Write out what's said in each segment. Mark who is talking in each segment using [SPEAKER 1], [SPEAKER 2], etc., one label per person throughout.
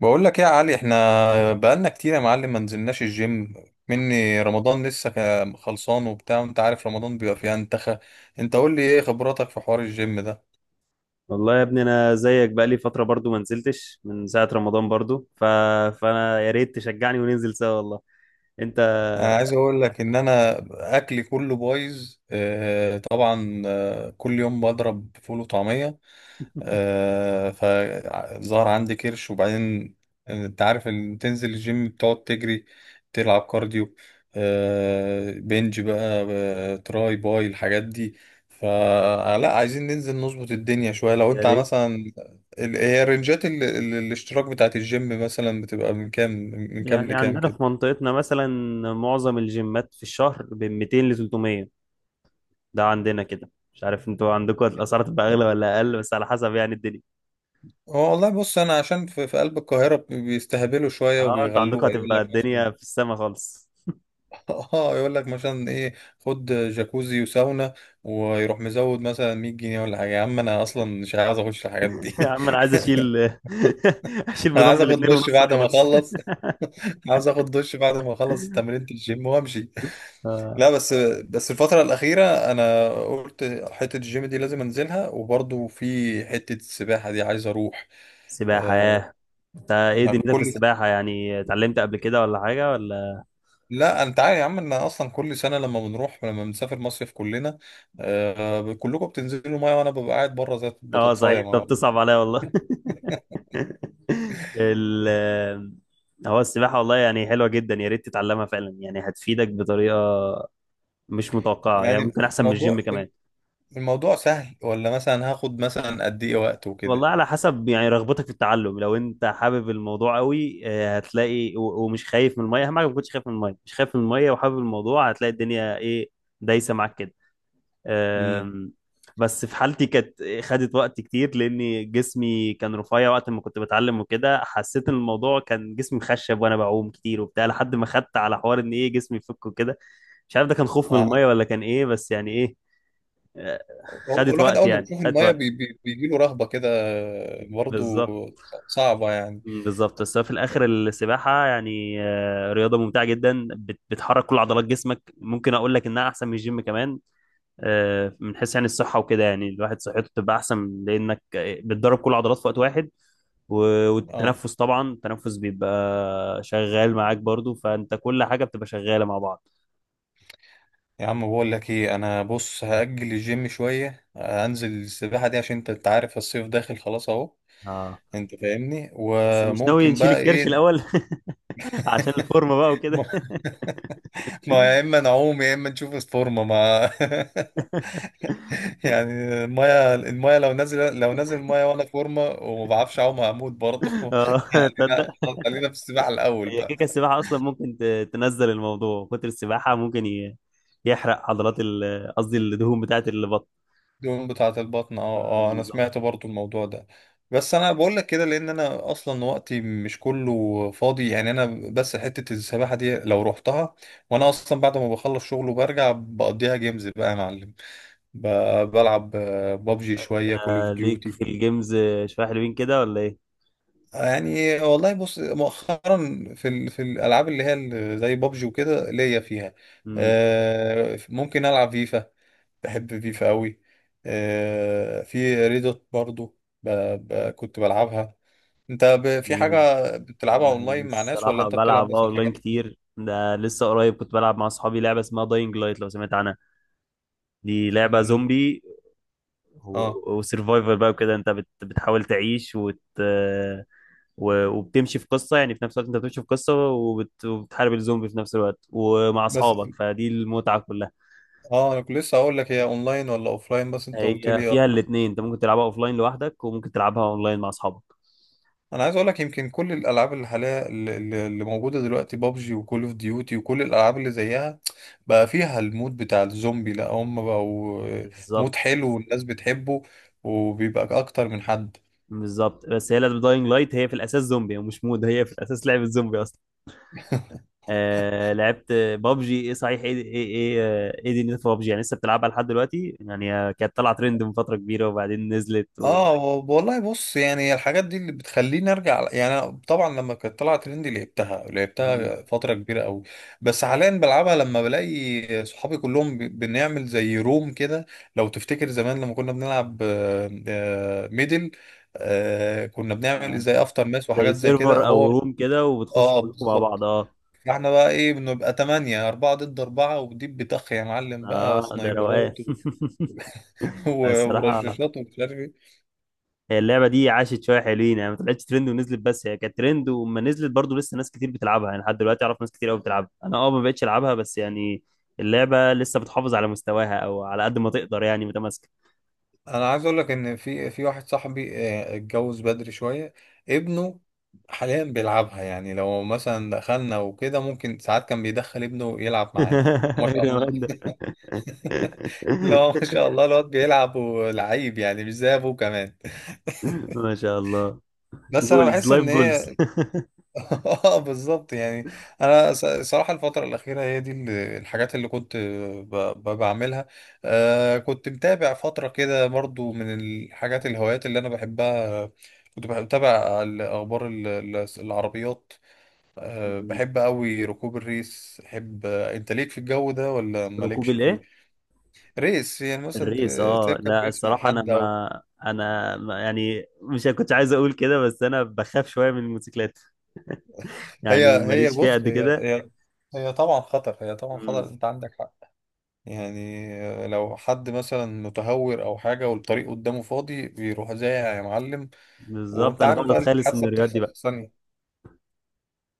[SPEAKER 1] بقول لك ايه يا علي، احنا بقالنا كتير يا معلم ما نزلناش الجيم مني رمضان لسه خلصان وبتاع. وانت عارف رمضان بيبقى فيه انتخى. انت قول لي ايه خبراتك في حوار الجيم ده؟
[SPEAKER 2] والله يا ابني انا زيك بقالي فتره برضو ما نزلتش من ساعه رمضان برضو فانا يا ريت تشجعني وننزل سوا والله. انت
[SPEAKER 1] انا عايز اقول لك ان انا اكلي كله بايظ. اه طبعا. كل يوم بضرب فول وطعمية. فظهر عندي كرش. وبعدين انت عارف ان تنزل الجيم بتقعد تجري، تلعب كارديو، بنج بقى، تراي باي الحاجات دي. فلا عايزين ننزل نظبط الدنيا شوية. لو
[SPEAKER 2] يا
[SPEAKER 1] انت
[SPEAKER 2] ريت.
[SPEAKER 1] مثلا هي رنجات الاشتراك بتاعت الجيم مثلا بتبقى من كام لكام
[SPEAKER 2] عندنا
[SPEAKER 1] كده؟
[SPEAKER 2] في منطقتنا مثلا معظم الجيمات في الشهر بين 200 ل 300. ده عندنا كده، مش عارف انتوا عندكم الاسعار تبقى اغلى ولا اقل، بس على حسب الدنيا.
[SPEAKER 1] هو والله بص، انا عشان في قلب القاهرة بيستهبلوا شوية
[SPEAKER 2] اه انتوا عندكم
[SPEAKER 1] وبيغلوها. يقول
[SPEAKER 2] هتبقى
[SPEAKER 1] لك مثلا،
[SPEAKER 2] الدنيا في السما خالص.
[SPEAKER 1] اه، يقول لك مثلا ايه؟ خد جاكوزي وساونا، ويروح مزود مثلا 100 جنيه ولا حاجه. يا عم انا اصلا مش عايز اخش الحاجات
[SPEAKER 2] يا
[SPEAKER 1] دي.
[SPEAKER 2] عم انا عايز اشيل اشيل
[SPEAKER 1] انا عايز
[SPEAKER 2] بدمبل
[SPEAKER 1] اخد
[SPEAKER 2] اتنين
[SPEAKER 1] دش
[SPEAKER 2] ونص
[SPEAKER 1] بعد ما
[SPEAKER 2] وخلاص.
[SPEAKER 1] اخلص. عاوز اخد دش بعد ما اخلص تمرينة الجيم وامشي. لا، بس الفترة الأخيرة أنا قلت حتة الجيم دي لازم أنزلها. وبرضو في حتة السباحة دي عايز أروح.
[SPEAKER 2] سباحة
[SPEAKER 1] آه،
[SPEAKER 2] ياه! انت ايه
[SPEAKER 1] أنا
[SPEAKER 2] دنيتك في
[SPEAKER 1] كل
[SPEAKER 2] السباحة؟ اتعلمت قبل كده ولا حاجة ولا؟
[SPEAKER 1] لا، انت عارف يا عم ان اصلا كل سنه لما بنسافر مصيف كلنا. آه، كلكم بتنزلوا ميه وانا ببقى قاعد بره زي
[SPEAKER 2] اه صحيح،
[SPEAKER 1] البطاطسايه
[SPEAKER 2] انت
[SPEAKER 1] ما-
[SPEAKER 2] بتصعب عليا والله. ال هو السباحة والله حلوة جدا، يا ريت تتعلمها فعلا، هتفيدك بطريقة مش متوقعة،
[SPEAKER 1] يعني
[SPEAKER 2] ممكن أحسن من الجيم
[SPEAKER 1] الموضوع،
[SPEAKER 2] كمان.
[SPEAKER 1] سهل ولا مثلا هاخد مثلا قد ايه
[SPEAKER 2] و-
[SPEAKER 1] وقت
[SPEAKER 2] والله
[SPEAKER 1] وكده؟
[SPEAKER 2] على حسب رغبتك في التعلم. لو أنت حابب الموضوع قوي هتلاقي، ومش خايف من المية. أهم حاجة ما تكونش خايف من المية. مش خايف من المية وحابب الموضوع، هتلاقي الدنيا إيه؟ دايسة معاك كده.
[SPEAKER 1] امم
[SPEAKER 2] أم، بس في حالتي كانت خدت وقت كتير، لأن جسمي كان رفيع وقت ما كنت بتعلم وكده. حسيت إن الموضوع كان جسمي مخشب وأنا بعوم كتير وبتاع، لحد ما خدت على حوار إن إيه، جسمي يفك وكده. مش عارف ده كان خوف من
[SPEAKER 1] آه،
[SPEAKER 2] المية ولا كان إيه، بس إيه. أه،
[SPEAKER 1] هو
[SPEAKER 2] خدت
[SPEAKER 1] الواحد
[SPEAKER 2] وقت
[SPEAKER 1] اول ما بيشوف
[SPEAKER 2] خدت
[SPEAKER 1] الميه بي
[SPEAKER 2] وقت.
[SPEAKER 1] بي بيجي له رهبه كده. برضو
[SPEAKER 2] بالظبط.
[SPEAKER 1] صعبه يعني.
[SPEAKER 2] مم، بالظبط. بس هو في الاخر السباحه رياضه ممتعه جدا، بتحرك كل عضلات جسمك، ممكن اقول لك انها احسن من الجيم كمان. من حيث الصحة وكده. الواحد صحته تبقى أحسن، لأنك بتدرب كل العضلات في وقت واحد،
[SPEAKER 1] اه،
[SPEAKER 2] والتنفس طبعا، التنفس بيبقى شغال معاك برضو، فأنت كل حاجة بتبقى شغالة مع بعض.
[SPEAKER 1] يا عم بقول لك ايه؟ انا بص هاجل الجيم شويه، هنزل السباحه دي، عشان أنت عارف الصيف داخل خلاص اهو.
[SPEAKER 2] اه
[SPEAKER 1] انت فاهمني،
[SPEAKER 2] بس مش ناوي
[SPEAKER 1] وممكن
[SPEAKER 2] نشيل
[SPEAKER 1] بقى ايه؟
[SPEAKER 2] الكرش الأول؟ عشان الفورمة بقى
[SPEAKER 1] ما
[SPEAKER 2] وكده.
[SPEAKER 1] ما يا اما نعوم يا اما نشوف الفورمه ما يعني المايه لو نازل المايه وانا فورمه وما بعرفش اعوم، هموت برضه.
[SPEAKER 2] اه
[SPEAKER 1] يعني لا،
[SPEAKER 2] تصدق،
[SPEAKER 1] خلاص خلينا في السباحه الاول
[SPEAKER 2] هي كيكة
[SPEAKER 1] بقى.
[SPEAKER 2] السباحة أصلا ممكن تنزل الموضوع. كتر السباحة ممكن يحرق قصدي الدهون بتاعت البطن.
[SPEAKER 1] الدهون بتاعه البطن، اه.
[SPEAKER 2] مم،
[SPEAKER 1] اه، انا
[SPEAKER 2] بالظبط.
[SPEAKER 1] سمعت برضه الموضوع ده. بس انا بقول لك كده لان انا اصلا وقتي مش كله فاضي. يعني بس حته السباحه دي لو رحتها، وانا اصلا بعد ما بخلص شغل وبرجع بقضيها جيمز بقى يا معلم. ب- بلعب بابجي شوية، كول اوف
[SPEAKER 2] ليك
[SPEAKER 1] ديوتي.
[SPEAKER 2] في الجيمز شوية حلوين كده ولا
[SPEAKER 1] يعني والله بص، مؤخرا في الالعاب اللي هي زي بابجي وكده ليا فيها.
[SPEAKER 2] إيه؟
[SPEAKER 1] ممكن العب فيفا. بحب فيفا قوي. في ريدوت برضو. ب... كنت بلعبها. انت في
[SPEAKER 2] جميل.
[SPEAKER 1] حاجة بتلعبها اونلاين مع ناس، ولا
[SPEAKER 2] الصراحة
[SPEAKER 1] انت بتلعب
[SPEAKER 2] بلعب
[SPEAKER 1] بس
[SPEAKER 2] اه اونلاين
[SPEAKER 1] حاجات؟
[SPEAKER 2] كتير. ده لسه قريب كنت بلعب مع اصحابي لعبة اسمها داينج لايت، لو سمعت عنها. دي لعبة
[SPEAKER 1] مم،
[SPEAKER 2] زومبي
[SPEAKER 1] اه،
[SPEAKER 2] وسرفايفر بقى وكده. انت بتحاول تعيش وبتمشي في قصة، في نفس الوقت انت بتمشي في قصة وبتحارب الزومبي في نفس الوقت ومع
[SPEAKER 1] بس.
[SPEAKER 2] اصحابك، فدي المتعة كلها.
[SPEAKER 1] اه، انا كنت لسه اقول لك هي اونلاين ولا اوفلاين، بس انت قلت
[SPEAKER 2] هي
[SPEAKER 1] لي.
[SPEAKER 2] فيها الاتنين، انت ممكن تلعبها اوفلاين لوحدك وممكن تلعبها اونلاين مع اصحابك.
[SPEAKER 1] انا عايز اقول لك يمكن كل الالعاب اللي حاليا، اللي موجوده دلوقتي، بابجي وكول اوف ديوتي وكل الالعاب اللي زيها بقى فيها المود بتاع الزومبي. لا، هم بقوا
[SPEAKER 2] بالظبط
[SPEAKER 1] مود حلو والناس بتحبه، وبيبقى اكتر من حد.
[SPEAKER 2] بالظبط. بس هي لعبة داينج لايت هي في الاساس زومبي ومش مود، هي في الاساس لعبة زومبي. آه لعبت بابجي. ايه صحيح ايه دي في بابجي؟ لسه بتلعبها لحد دلوقتي كانت طالعه ترند من فتره كبيره وبعدين نزلت
[SPEAKER 1] اه، والله بص، يعني الحاجات دي اللي بتخليني ارجع. يعني أنا طبعا لما كانت طلعت ترند لعبتها
[SPEAKER 2] مم.
[SPEAKER 1] لعبتها فتره كبيره قوي. بس حاليا بلعبها لما بلاقي صحابي كلهم بنعمل زي روم كده. لو تفتكر زمان لما كنا بنلعب، ميدل، كنا بنعمل
[SPEAKER 2] آه
[SPEAKER 1] زي افتر ماس
[SPEAKER 2] زي
[SPEAKER 1] وحاجات زي كده.
[SPEAKER 2] سيرفر او
[SPEAKER 1] هو،
[SPEAKER 2] روم كده، وبتخش
[SPEAKER 1] اه
[SPEAKER 2] كلكم مع بعض،
[SPEAKER 1] بالظبط.
[SPEAKER 2] اه.
[SPEAKER 1] فاحنا بقى ايه، بنبقى تمانية، أربعة ضد أربعة، وديب بتخ يا معلم بقى
[SPEAKER 2] اه ده روقان.
[SPEAKER 1] سنايبرات و-
[SPEAKER 2] الصراحه
[SPEAKER 1] ورشاشات ومش عارف إيه.
[SPEAKER 2] هي اللعبه دي عاشت شويه حلوين، ما طلعتش ترند ونزلت، بس هي كانت ترند وما نزلت، برضو لسه ناس كتير بتلعبها لحد دلوقتي. اعرف ناس كتير قوي بتلعبها. انا اه ما بقتش العبها، بس اللعبه لسه بتحافظ على مستواها، او على قد ما تقدر متماسكه.
[SPEAKER 1] انا عايز اقول لك ان في واحد صاحبي، اتجوز بدري شويه، ابنه حاليا بيلعبها. يعني لو مثلا دخلنا وكده، ممكن ساعات كان بيدخل ابنه يلعب معانا. ما شاء الله.
[SPEAKER 2] روان ده!
[SPEAKER 1] لا، ما شاء الله الواد بيلعب ولعيب يعني، مش زي ابوه كمان.
[SPEAKER 2] ما شاء الله.
[SPEAKER 1] بس انا
[SPEAKER 2] جولز
[SPEAKER 1] بحس
[SPEAKER 2] لايف
[SPEAKER 1] ان
[SPEAKER 2] جولز.
[SPEAKER 1] هي، اه بالظبط يعني. انا صراحه الفتره الاخيره هي دي الحاجات اللي كنت بعملها. كنت متابع فتره كده برضو. من الحاجات الهوايات اللي انا بحبها، كنت بتابع الاخبار العربيات. بحب قوي ركوب الريس. بحب، انت ليك في الجو ده ولا
[SPEAKER 2] ركوب
[SPEAKER 1] مالكش فيه؟
[SPEAKER 2] الايه؟
[SPEAKER 1] ريس يعني مثلا،
[SPEAKER 2] الريس اه.
[SPEAKER 1] تركب
[SPEAKER 2] لا
[SPEAKER 1] ريس مع
[SPEAKER 2] الصراحه انا
[SPEAKER 1] حد او...
[SPEAKER 2] ما انا ما يعني مش كنت عايز اقول كده، بس انا بخاف شويه من الموتوسيكلات،
[SPEAKER 1] هي هي
[SPEAKER 2] ماليش فيها
[SPEAKER 1] بص،
[SPEAKER 2] قد
[SPEAKER 1] هي
[SPEAKER 2] كده.
[SPEAKER 1] هي هي طبعا خطر.
[SPEAKER 2] مم.
[SPEAKER 1] انت عندك حق. يعني لو حد مثلا متهور او حاجه والطريق قدامه فاضي، بيروح زايع يا معلم.
[SPEAKER 2] بالظبط،
[SPEAKER 1] وانت
[SPEAKER 2] انا
[SPEAKER 1] عارف
[SPEAKER 2] بقعد
[SPEAKER 1] بقى
[SPEAKER 2] اتخيل
[SPEAKER 1] الحادثه
[SPEAKER 2] السيناريوهات
[SPEAKER 1] بتحصل
[SPEAKER 2] دي بقى.
[SPEAKER 1] في ثانيه.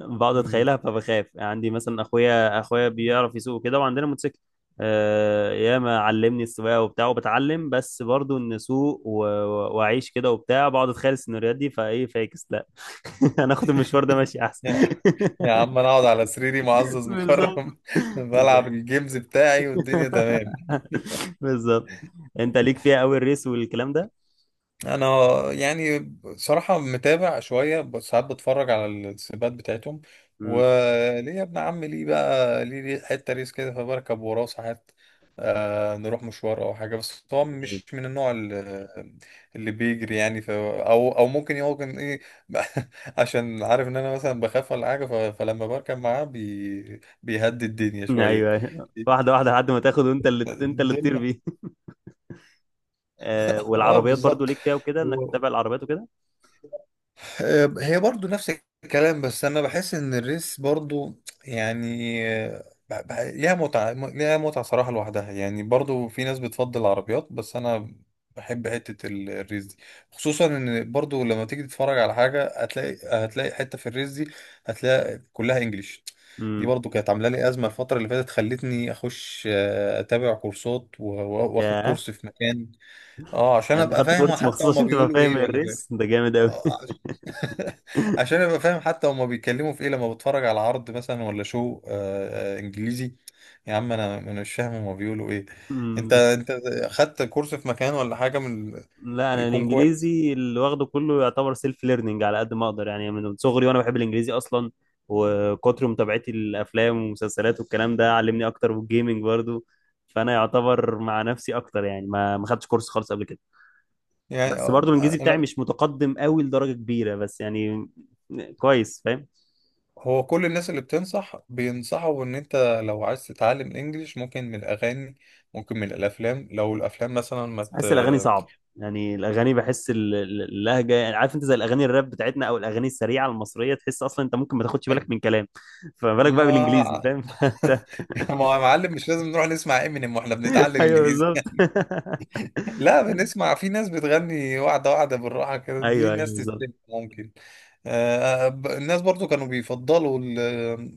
[SPEAKER 2] بقعد
[SPEAKER 1] مم.
[SPEAKER 2] اتخيلها فبخاف. عندي مثلا اخويا بيعرف يسوق كده وعندنا موتوسيكل. آه ياما علمني السواقه وبتاع وبتعلم، بس برضو ان اسوق واعيش كده وبتاع، بقعد اتخيل السيناريوهات دي، فايه فاكس، لا. انا اخد المشوار ده ماشي احسن.
[SPEAKER 1] يا يا عم، انا اقعد على سريري معزز
[SPEAKER 2] بالظبط
[SPEAKER 1] مكرم، بلعب
[SPEAKER 2] بالظبط.
[SPEAKER 1] الجيمز بتاعي والدنيا تمام.
[SPEAKER 2] بالظبط. انت ليك فيها قوي الريس والكلام ده.
[SPEAKER 1] انا يعني صراحة متابع شوية، بس ساعات بتفرج على السباقات بتاعتهم.
[SPEAKER 2] امم.
[SPEAKER 1] وليه يا ابن عم؟ ليه بقى، ليه حتة ريس كده فبركب وراه ساعات. نروح مشوار او حاجة، بس هو
[SPEAKER 2] جميل.
[SPEAKER 1] مش من النوع اللي بيجري يعني. او ممكن، يمكن ايه... عشان عارف ان انا مثلا بخاف ولا حاجة، فلما بركب معاه بيهدي الدنيا شوية.
[SPEAKER 2] ايوه أيوة. واحده واحده لحد ما تاخد، وانت اللي تطير
[SPEAKER 1] الدنيا
[SPEAKER 2] بيه. آه
[SPEAKER 1] اه
[SPEAKER 2] والعربيات برضو
[SPEAKER 1] بالظبط.
[SPEAKER 2] ليك فيها وكده، انك تتابع العربيات وكده.
[SPEAKER 1] هي برضو نفس الكلام، بس انا بحس ان الريس برضو يعني ليها متعة ليها متعة صراحة لوحدها. يعني برضو في ناس بتفضل العربيات، بس انا بحب حتة الريس دي. خصوصا ان برضو لما تيجي تتفرج على حاجة، هتلاقي حتة في الريس دي، هتلاقي كلها انجليش. دي
[SPEAKER 2] امم.
[SPEAKER 1] برضو كانت عاملة لي أزمة الفترة اللي فاتت، خلتني أخش أتابع كورسات وآخد
[SPEAKER 2] ياه!
[SPEAKER 1] كورس في مكان. اه، عشان
[SPEAKER 2] انت
[SPEAKER 1] أبقى
[SPEAKER 2] خدت
[SPEAKER 1] فاهم
[SPEAKER 2] كورس
[SPEAKER 1] حتى
[SPEAKER 2] مخصوص
[SPEAKER 1] هما
[SPEAKER 2] عشان تبقى
[SPEAKER 1] بيقولوا
[SPEAKER 2] فاهم
[SPEAKER 1] إيه، ولا فاهم.
[SPEAKER 2] الريس؟ ده جامد قوي.
[SPEAKER 1] آه، عشان ابقى فاهم حتى هما بيتكلموا في ايه، لما بتفرج على عرض مثلا ولا شو انجليزي. يا عم، انا مش فاهم هما بيقولوا ايه. انت
[SPEAKER 2] مم.
[SPEAKER 1] انت خدت كورس في مكان ولا حاجه من؟
[SPEAKER 2] لا انا
[SPEAKER 1] يكون كويس
[SPEAKER 2] الانجليزي اللي واخده كله يعتبر سيلف ليرنينج، على قد ما اقدر. من صغري وانا بحب الانجليزي اصلا، وكتر متابعتي للافلام والمسلسلات والكلام ده علمني اكتر، والجيمنج برضو. فانا يعتبر مع نفسي اكتر، يعني ما ما خدتش كورس خالص قبل كده.
[SPEAKER 1] يعني.
[SPEAKER 2] بس برضو الانجليزي
[SPEAKER 1] انا
[SPEAKER 2] بتاعي مش متقدم قوي لدرجة كبيرة، بس كويس فاهم.
[SPEAKER 1] هو كل الناس اللي بتنصح بينصحوا ان انت لو عايز تتعلم انجليش، ممكن من الاغاني، ممكن من الافلام. لو الافلام مثلا ما ت...
[SPEAKER 2] بحس الاغاني صعب. الاغاني بحس اللهجه، عارف انت زي الاغاني الراب بتاعتنا او الاغاني السريعه المصريه، تحس اصلا انت ممكن ما تاخدش بالك من كلام، فما بالك بقى
[SPEAKER 1] ما
[SPEAKER 2] بالانجليزي فاهم.
[SPEAKER 1] ما يا معلم مش لازم نروح نسمع امينيم واحنا بنتعلم
[SPEAKER 2] ايوه
[SPEAKER 1] انجليزي.
[SPEAKER 2] بالظبط.
[SPEAKER 1] لا، بنسمع في ناس بتغني واحدة واحدة بالراحة كده، دي
[SPEAKER 2] ايوه ايوه
[SPEAKER 1] الناس
[SPEAKER 2] بالظبط.
[SPEAKER 1] تستمع ممكن. الناس برضو كانوا بيفضلوا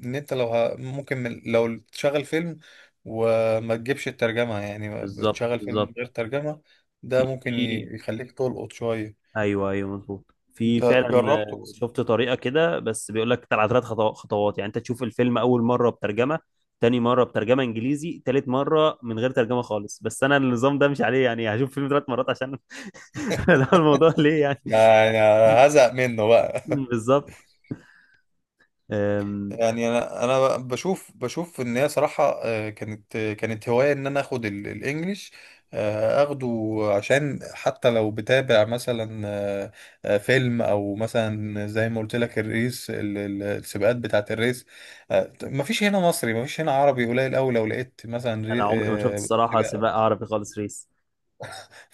[SPEAKER 1] ان انت لو ممكن لو تشغل فيلم، وما تجيبش الترجمة. يعني
[SPEAKER 2] بالظبط
[SPEAKER 1] بتشغل فيلم من
[SPEAKER 2] بالظبط.
[SPEAKER 1] غير ترجمة، ده
[SPEAKER 2] في
[SPEAKER 1] ممكن
[SPEAKER 2] في
[SPEAKER 1] يخليك تلقط شوية.
[SPEAKER 2] ايوه ايوه مظبوط، في
[SPEAKER 1] انت
[SPEAKER 2] فعلا.
[SPEAKER 1] جربته بس؟
[SPEAKER 2] شفت طريقه كده، بس بيقول لك على ثلاث خطوات. انت تشوف الفيلم اول مره بترجمه، تاني مره بترجمه انجليزي، تالت مره من غير ترجمه خالص. بس انا النظام ده مش عليه، هشوف فيلم ثلاث مرات عشان؟ لا الموضوع ليه
[SPEAKER 1] ده، أنا هزهق منه بقى.
[SPEAKER 2] بالظبط. أم،
[SPEAKER 1] يعني انا بشوف ان هي صراحه كانت هوايه ان انا اخد الانجليش. اخده عشان حتى لو بتابع مثلا فيلم، او مثلا زي ما قلت لك الريس السباقات بتاعه الريس. مفيش هنا مصري، مفيش هنا عربي قليل قوي. لو لقيت مثلا
[SPEAKER 2] انا عمري ما شفت الصراحه
[SPEAKER 1] سباق.
[SPEAKER 2] سباق عربي خالص، ريس.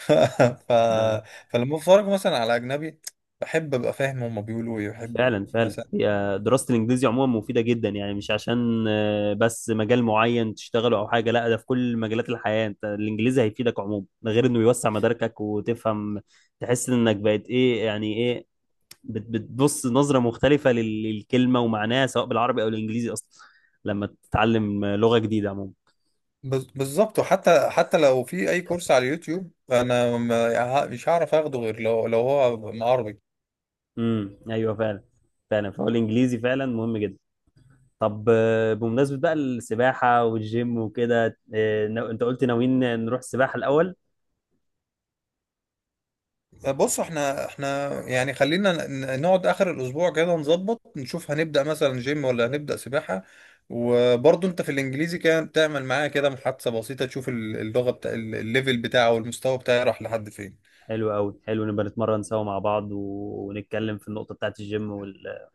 [SPEAKER 1] ف
[SPEAKER 2] أنا-
[SPEAKER 1] فلما بتفرج مثلا على اجنبي، بحب ابقى فاهم هما بيقولوا ايه. بحب
[SPEAKER 2] فعلا فعلا.
[SPEAKER 1] مثلا...
[SPEAKER 2] هي دراسه الانجليزي عموما مفيده جدا، مش عشان بس مجال معين تشتغله او حاجه، لا ده في كل مجالات الحياه انت الانجليزي هيفيدك عموما. ده غير انه يوسع مداركك وتفهم، تحس انك بقت ايه بتبص نظره مختلفه للكلمه ومعناها، سواء بالعربي او الانجليزي اصلا، لما تتعلم لغه جديده عموما.
[SPEAKER 1] بالظبط، وحتى لو في اي كورس على اليوتيوب، انا مش هعرف اخده غير لو هو عربي.
[SPEAKER 2] ايوه فعلا. فعلا، فهو الانجليزي فعلا مهم جدا. طب بمناسبة بقى السباحة والجيم وكده، انت قلت ناويين نروح السباحة الأول.
[SPEAKER 1] بص، احنا يعني خلينا نقعد اخر الاسبوع كده، نظبط نشوف هنبدا مثلا جيم ولا هنبدا سباحه. وبرضه انت في الانجليزي، كان تعمل معايا كده محادثه بسيطه تشوف اللغه بتاع الليفل بتاعه والمستوى بتاعه راح لحد فين.
[SPEAKER 2] حلو قوي. حلو، نبقى نتمرن سوا مع بعض، ونتكلم في النقطة بتاعت الجيم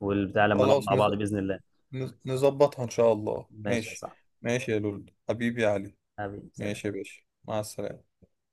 [SPEAKER 2] والبتاع لما نقعد
[SPEAKER 1] خلاص،
[SPEAKER 2] مع بعض بإذن الله.
[SPEAKER 1] نظبطها ان شاء الله.
[SPEAKER 2] ماشي يا
[SPEAKER 1] ماشي.
[SPEAKER 2] صاحبي.
[SPEAKER 1] ماشي يا لول، حبيبي يا علي.
[SPEAKER 2] حبيبي سلام.
[SPEAKER 1] ماشي يا باشا، مع السلامه.